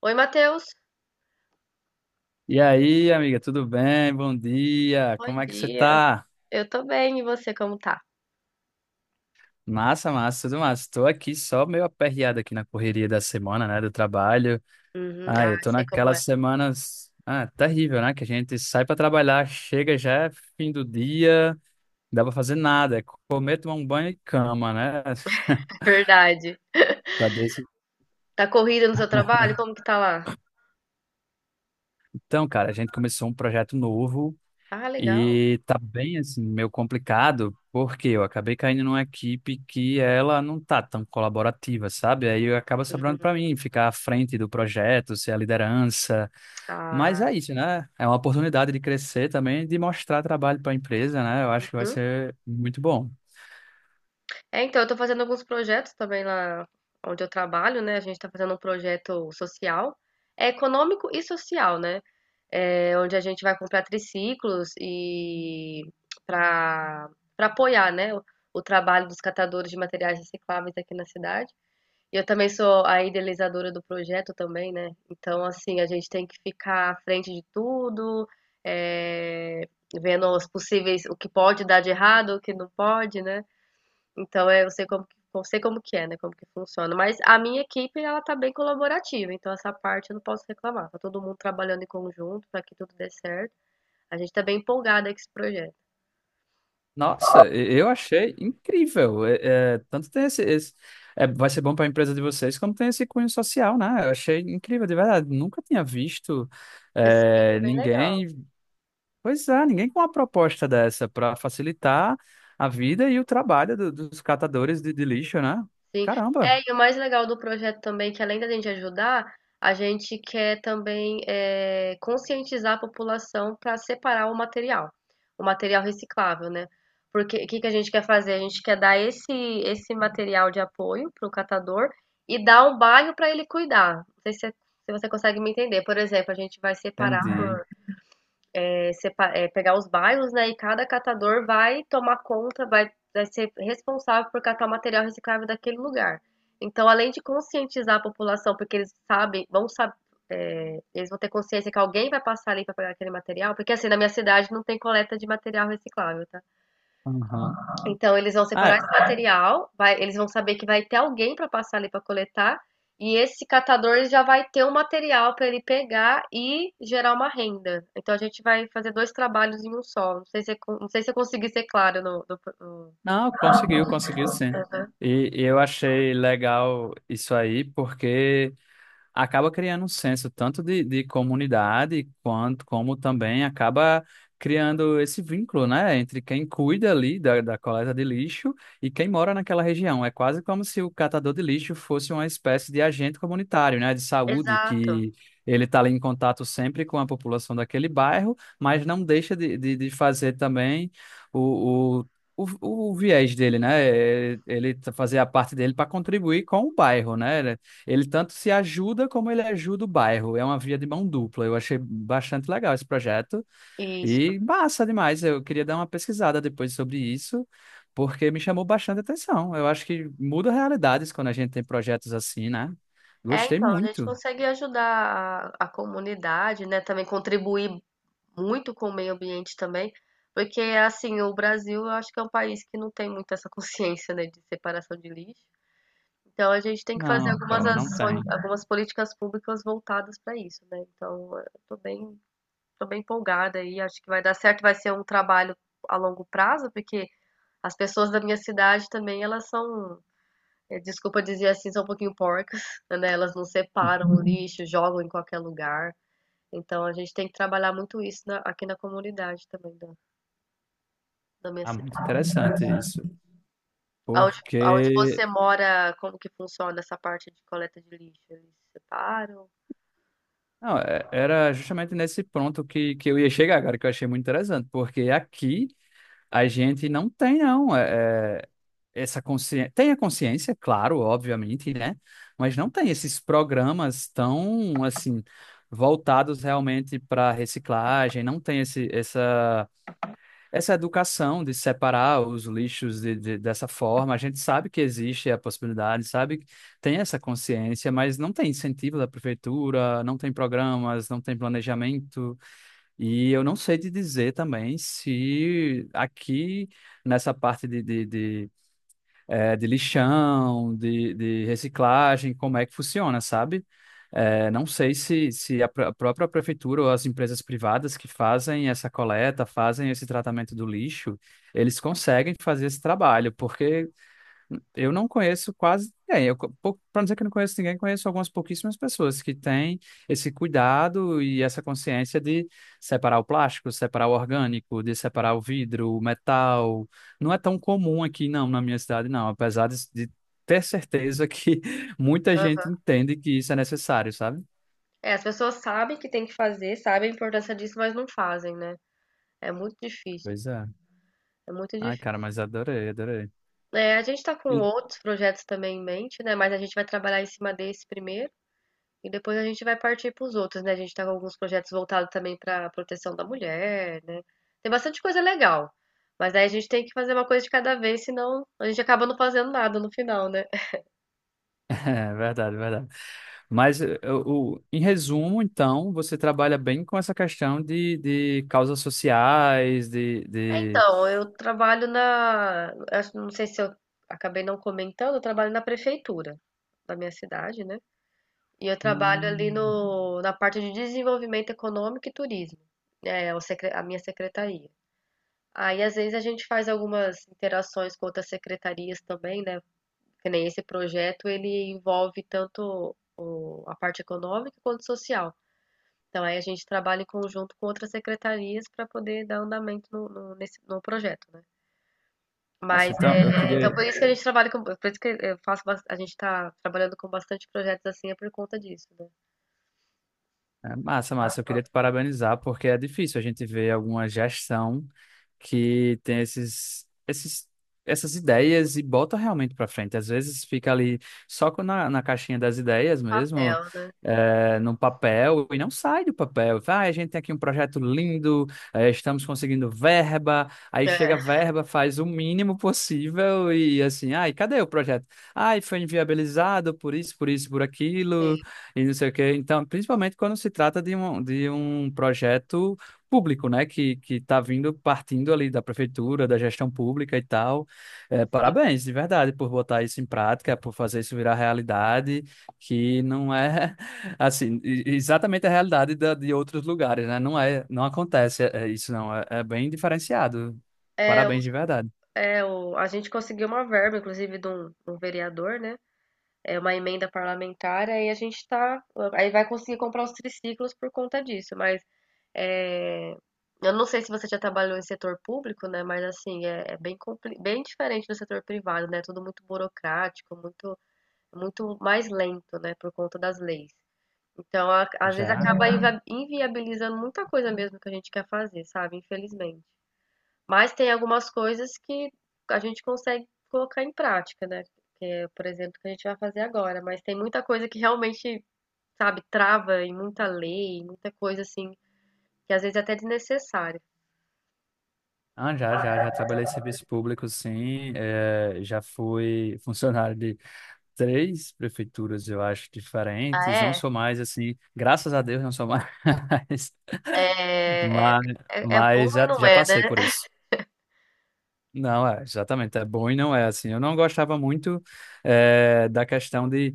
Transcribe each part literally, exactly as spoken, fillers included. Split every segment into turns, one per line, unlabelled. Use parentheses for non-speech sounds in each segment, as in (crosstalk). Oi, Matheus.
E aí, amiga, tudo bem? Bom dia.
Bom
Como é que você
dia.
tá?
Eu tô bem, e você como tá?
Massa, massa, tudo massa. Tô aqui só meio aperreado aqui na correria da semana, né, do trabalho.
Uhum.
Ah,
Ah,
eu tô
sei como
naquelas
é.
semanas, ah, terrível, né, que a gente sai pra trabalhar, chega já é fim do dia, não dá pra fazer nada, é comer, tomar um banho e cama, né?
(laughs)
(laughs)
Verdade.
Tá desse.
Tá corrida no seu trabalho? Como que tá lá?
Então, cara, a gente começou um projeto novo.
Ah, legal.
E tá bem assim, meio complicado, porque eu acabei caindo numa equipe que ela não tá tão colaborativa, sabe? Aí acaba sobrando para
Uhum.
mim ficar à frente do projeto, ser a liderança. Mas
Ah,
é isso, né? É uma oportunidade de crescer também, de mostrar trabalho para a empresa, né? Eu acho que vai
uhum.
ser muito bom.
É, então, eu tô fazendo alguns projetos também lá onde eu trabalho, né? A gente tá fazendo um projeto social, é econômico e social, né? É, onde a gente vai comprar triciclos e para para apoiar, né, o o trabalho dos catadores de materiais recicláveis aqui na cidade. e Eu também sou a idealizadora do projeto também, né? Então, assim, a gente tem que ficar à frente de tudo, eh, vendo os possíveis, o que pode dar de errado, o que não pode, né? Então, é, eu sei como, que- eu sei como que é, né? Como que funciona. Mas a minha equipe, ela tá bem colaborativa, então essa parte eu não posso reclamar. Tá todo mundo trabalhando em conjunto para que tudo dê certo. A gente tá bem empolgada com esse projeto.
Nossa, e- eu achei incrível. É, é, tanto tem esse, esse- é, vai ser bom para a empresa de vocês, como tem esse cunho social, né? Eu achei incrível, de verdade. Nunca tinha visto.
Sim, é
É,
bem legal.
ninguém Pois é, ninguém com uma proposta dessa para facilitar a vida e o trabalho do- dos catadores de, de lixo, né?
Sim.
Caramba,
É, e o mais legal do projeto também, que além da gente ajudar, a gente quer também eh, conscientizar a população para separar o material, o material reciclável, né? Porque o que que a gente quer fazer? A gente quer dar esse, esse material de apoio para o catador e dar um bairro para ele cuidar. Não sei se, é, se você consegue me entender. Por exemplo, a gente vai separar
entendi.
por é, sepa- é, pegar os bairros, né? E cada catador vai tomar conta, vai, vai ser responsável por catar o material reciclável daquele lugar. Então, além de conscientizar a população, porque eles sabem, vão saber, é, eles vão ter consciência que alguém vai passar ali para pegar aquele material, porque assim, na minha cidade não tem coleta de material reciclável, tá?
Aham.
Então, eles vão
Ah,
separar esse
é.
material, vai- eles vão saber que vai ter alguém para passar ali para coletar, e esse catador já vai ter um material para ele pegar e gerar uma renda. Então, a gente vai fazer dois trabalhos em um só. Não sei se eu, con- não sei se eu consegui ser claro no, no- no-
Não, conseguiu, conseguiu sim.
Aham.
E, e eu achei legal isso aí, porque acaba criando um senso tanto de, de comunidade quanto como também acaba criando esse vínculo, né, entre quem cuida ali da, da coleta de lixo e quem mora naquela região. É quase como se o catador de lixo fosse uma espécie de agente comunitário, né, de saúde
Exato,
que ele está ali em contato sempre com a população daquele bairro, mas não deixa de, de, de fazer também o o- o, o viés dele, né? É, Ele tá- fazer a parte dele para contribuir com o bairro, né? Ele tanto se ajuda como ele ajuda o bairro. É uma via de mão dupla. Eu achei bastante legal esse projeto
isso.
e massa demais. Eu queria dar uma pesquisada depois sobre isso, porque me chamou bastante atenção. Eu acho que muda realidades quando a gente tem projetos assim, né?
É,
Gostei
então, a gente
muito.
consegue ajudar a, a comunidade, né? Também contribuir muito com o meio ambiente também, porque, assim, o Brasil eu acho que é um país que não tem muito essa (laughs) consciência, né, de separação de lixo. Então a gente tem que fazer
Não,
algumas
cara, não
ações,
tem.
algumas políticas públicas voltadas para isso, né? Então, eu tô bem, tô bem empolgada aí, acho que vai dar certo, vai ser um trabalho a longo prazo, porque as pessoas da minha cidade também, elas são, eh, desculpa dizer assim, são um pouquinho porcas, (laughs) né? Elas não separam o lixo, jogam em qualquer lugar. Então a gente tem que trabalhar muito isso na- aqui na comunidade também da, da minha
Ah, muito
cidade.
interessante isso,
Aonde, aonde
porque
você mora, como que funciona essa parte de coleta de lixo? Eles separam?
não, é- era justamente nesse ponto que, que eu ia chegar agora, que eu achei muito interessante, porque aqui a gente não tem, não, é, é, essa consciência. Tem a consciência, claro, obviamente, né? Mas não tem esses programas tão, assim, voltados realmente para reciclagem, não tem esse, essa, essa educação de separar os lixos de, de- dessa forma. A gente sabe que existe a possibilidade, sabe? Que Tem essa consciência, mas não tem incentivo da prefeitura, não tem programas, não tem planejamento. E eu não sei te dizer também se aqui nessa parte de, de, de, eh, de lixão, de, de reciclagem, como é que funciona, sabe? Eh, não sei se, se a pró- a própria prefeitura ou as empresas privadas que fazem essa coleta, fazem esse tratamento do lixo, eles conseguem fazer esse trabalho, porque eu não conheço quase ninguém. Eu, co- pou- pra não dizer que eu não conheço ninguém, conheço algumas pouquíssimas pessoas que têm esse cuidado e essa consciência de separar o plástico, separar o orgânico, de separar o vidro, o metal. Não é tão comum aqui, não, na minha cidade, não. Apesar de, de ter certeza que (laughs) muita gente entende que isso é necessário, sabe?
É, as pessoas sabem que tem que fazer, sabem a importância disso, mas não fazem, né? É muito difícil,
Pois é.
é muito
Ai,
difícil.
cara, mas adorei, adorei.
É, a gente está com outros projetos também em mente, né? Mas a gente vai trabalhar em cima desse primeiro e depois a gente vai partir para os outros, né? A gente está com alguns projetos voltados também para a proteção da mulher, né? Tem bastante coisa legal, mas aí a gente tem que fazer uma coisa de cada vez, senão a gente acaba não fazendo nada no final, né?
É verdade, verdade. Mas eh, o, o- em resumo, então, você trabalha bem com essa questão de, de causas sociais, de,
É,
de...
então, eu trabalho na. Acho- Não sei se eu acabei não comentando, eu trabalho na prefeitura da minha cidade, né? E eu trabalho ali
Hum.
no, na parte de desenvolvimento econômico e turismo, né? é o secre- a minha secretaria. Aí, às vezes, a gente faz algumas interações com outras secretarias também, né? Que nem esse projeto, ele envolve tanto o- a parte econômica quanto social. Então, aí a gente trabalha em conjunto com outras secretarias para poder dar andamento no, no, nesse, no projeto, né?
Nossa,
Mas
então eu
é, é, então
queria.
por isso que a gente trabalha com, por isso que eu faço, bas- a gente tá trabalhando com bastante projetos assim é por conta disso, né?
É, massa, massa. Eu queria te parabenizar, porque é difícil a gente ver alguma gestão que tem esses, esses, essas ideias e bota realmente para frente. Às vezes fica ali só com- na, na caixinha das ideias mesmo,
Papel, né?
é, no papel, e não sai do papel. Vai, "Ah, a gente tem aqui um projeto lindo, é, estamos conseguindo verba, aí chega
É,
a verba, faz o mínimo possível e assim, ai, cadê o projeto? Ai, foi inviabilizado por isso, por isso, por
sim,
aquilo e não sei o quê." Então, principalmente quando se trata de um, de um projeto público, né, que que está vindo partindo ali da prefeitura, da gestão pública e tal. É,
sim.
parabéns, de verdade, por botar isso em prática, por fazer isso virar realidade, que não é (laughs) assim e- exatamente a realidade da, de outros lugares, né? Não é, não acontece é, é isso, não. É, é bem diferenciado.
É, o,
Parabéns, de verdade.
é o, a gente conseguiu uma verba, inclusive, de um, um vereador, né? É uma emenda parlamentar, aí a gente tá, aí vai conseguir comprar os triciclos por conta disso, mas é, eu não sei se você já trabalhou em setor público, né? Mas assim, é, é bem, compli- bem diferente do setor privado, né? Tudo muito burocrático, muito muito mais lento, né, por conta das leis. Então, a- às vezes
Já.
acaba inva- inviabilizando muita coisa mesmo que a gente quer fazer, sabe? Infelizmente. Mas tem algumas coisas que a gente consegue colocar em prática, né? Que é, por exemplo, o que a gente vai fazer agora. Mas tem muita coisa que realmente, sabe, trava em muita lei, em muita coisa assim, que às vezes é até desnecessária.
Ah, já, já, já trabalhei em serviço público, sim. É, já fui funcionário de três prefeituras, eu acho,
Ah,
diferentes. Não
é?
sou mais assim, graças a Deus não sou mais, (laughs)
É, é,
mas,
é é bom
mas
e
já,
não
já
é, né?
passei por isso. Não, é, exatamente, é bom e não é assim. Eu não gostava muito eh, da questão de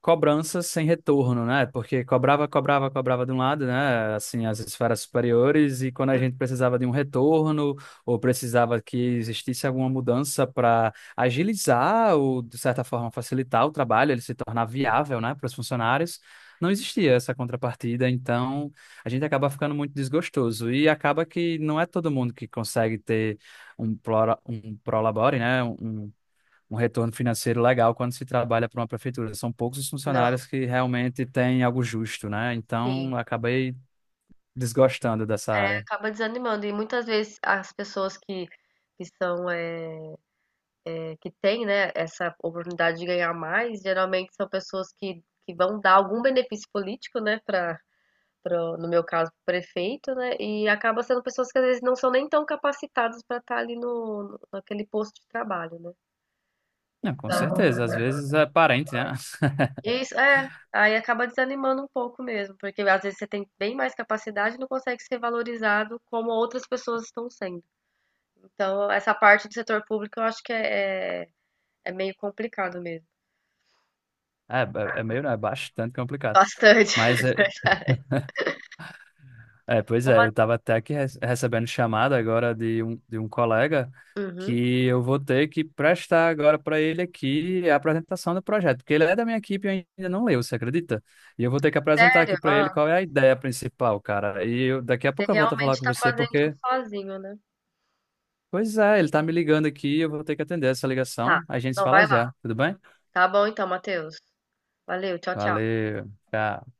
cobranças sem retorno, né? Porque cobrava, cobrava, cobrava de um lado, né? Assim, as esferas superiores, e quando a gente precisava de um retorno, ou precisava que existisse alguma mudança para agilizar ou, de certa forma, facilitar o trabalho, ele se tornar viável, né, para os funcionários. Não existia essa contrapartida, então a gente acaba ficando muito desgostoso e acaba que não é todo mundo que consegue ter um pro, um prolabore, né? Um um retorno financeiro legal quando se trabalha para uma prefeitura. São poucos os
Não.
funcionários que realmente têm algo justo, né?
Sim.
Então, acabei desgostando dessa área.
Acaba desanimando. E muitas vezes as pessoas que, que são, é que têm, né, essa oportunidade de ganhar mais, geralmente são pessoas que, que vão dar algum benefício político, né, para, no meu caso, pro prefeito, né, e acaba sendo pessoas que às vezes não são nem tão capacitadas para estar ali no, no- naquele posto de trabalho, né.
Não, com
Então,
certeza. Às vezes é parente, né? (laughs)
isso, é. Aí acaba desanimando um pouco mesmo, porque às vezes você tem bem mais capacidade e não consegue ser valorizado como outras pessoas estão sendo. Então, essa parte do setor público eu acho que é, é é meio complicado mesmo.
É, é é meio, né? É bastante complicado.
Bastante,
Mas é,
(laughs) é verdade.
É, pois é,
Uma...
eu estava até aqui re- recebendo chamada agora de um, de um colega
Uhum.
que eu vou ter que prestar agora para ele aqui a apresentação do projeto, porque ele é da minha equipe e eu ainda não leu, você acredita? E eu vou ter que apresentar
Sério?
aqui para
Ó,
ele qual é a ideia principal, cara. E eu- daqui a
você
pouco eu volto a falar
realmente
com
tá
você,
fazendo
porque,
tudo sozinho, né?
pois é, ele tá me ligando aqui, e eu vou ter que atender essa
Tá.
ligação. A gente se
Então
fala
vai
já,
lá.
tudo bem?
Tá bom então, Matheus. Valeu, tchau, tchau.
Valeu, tchau.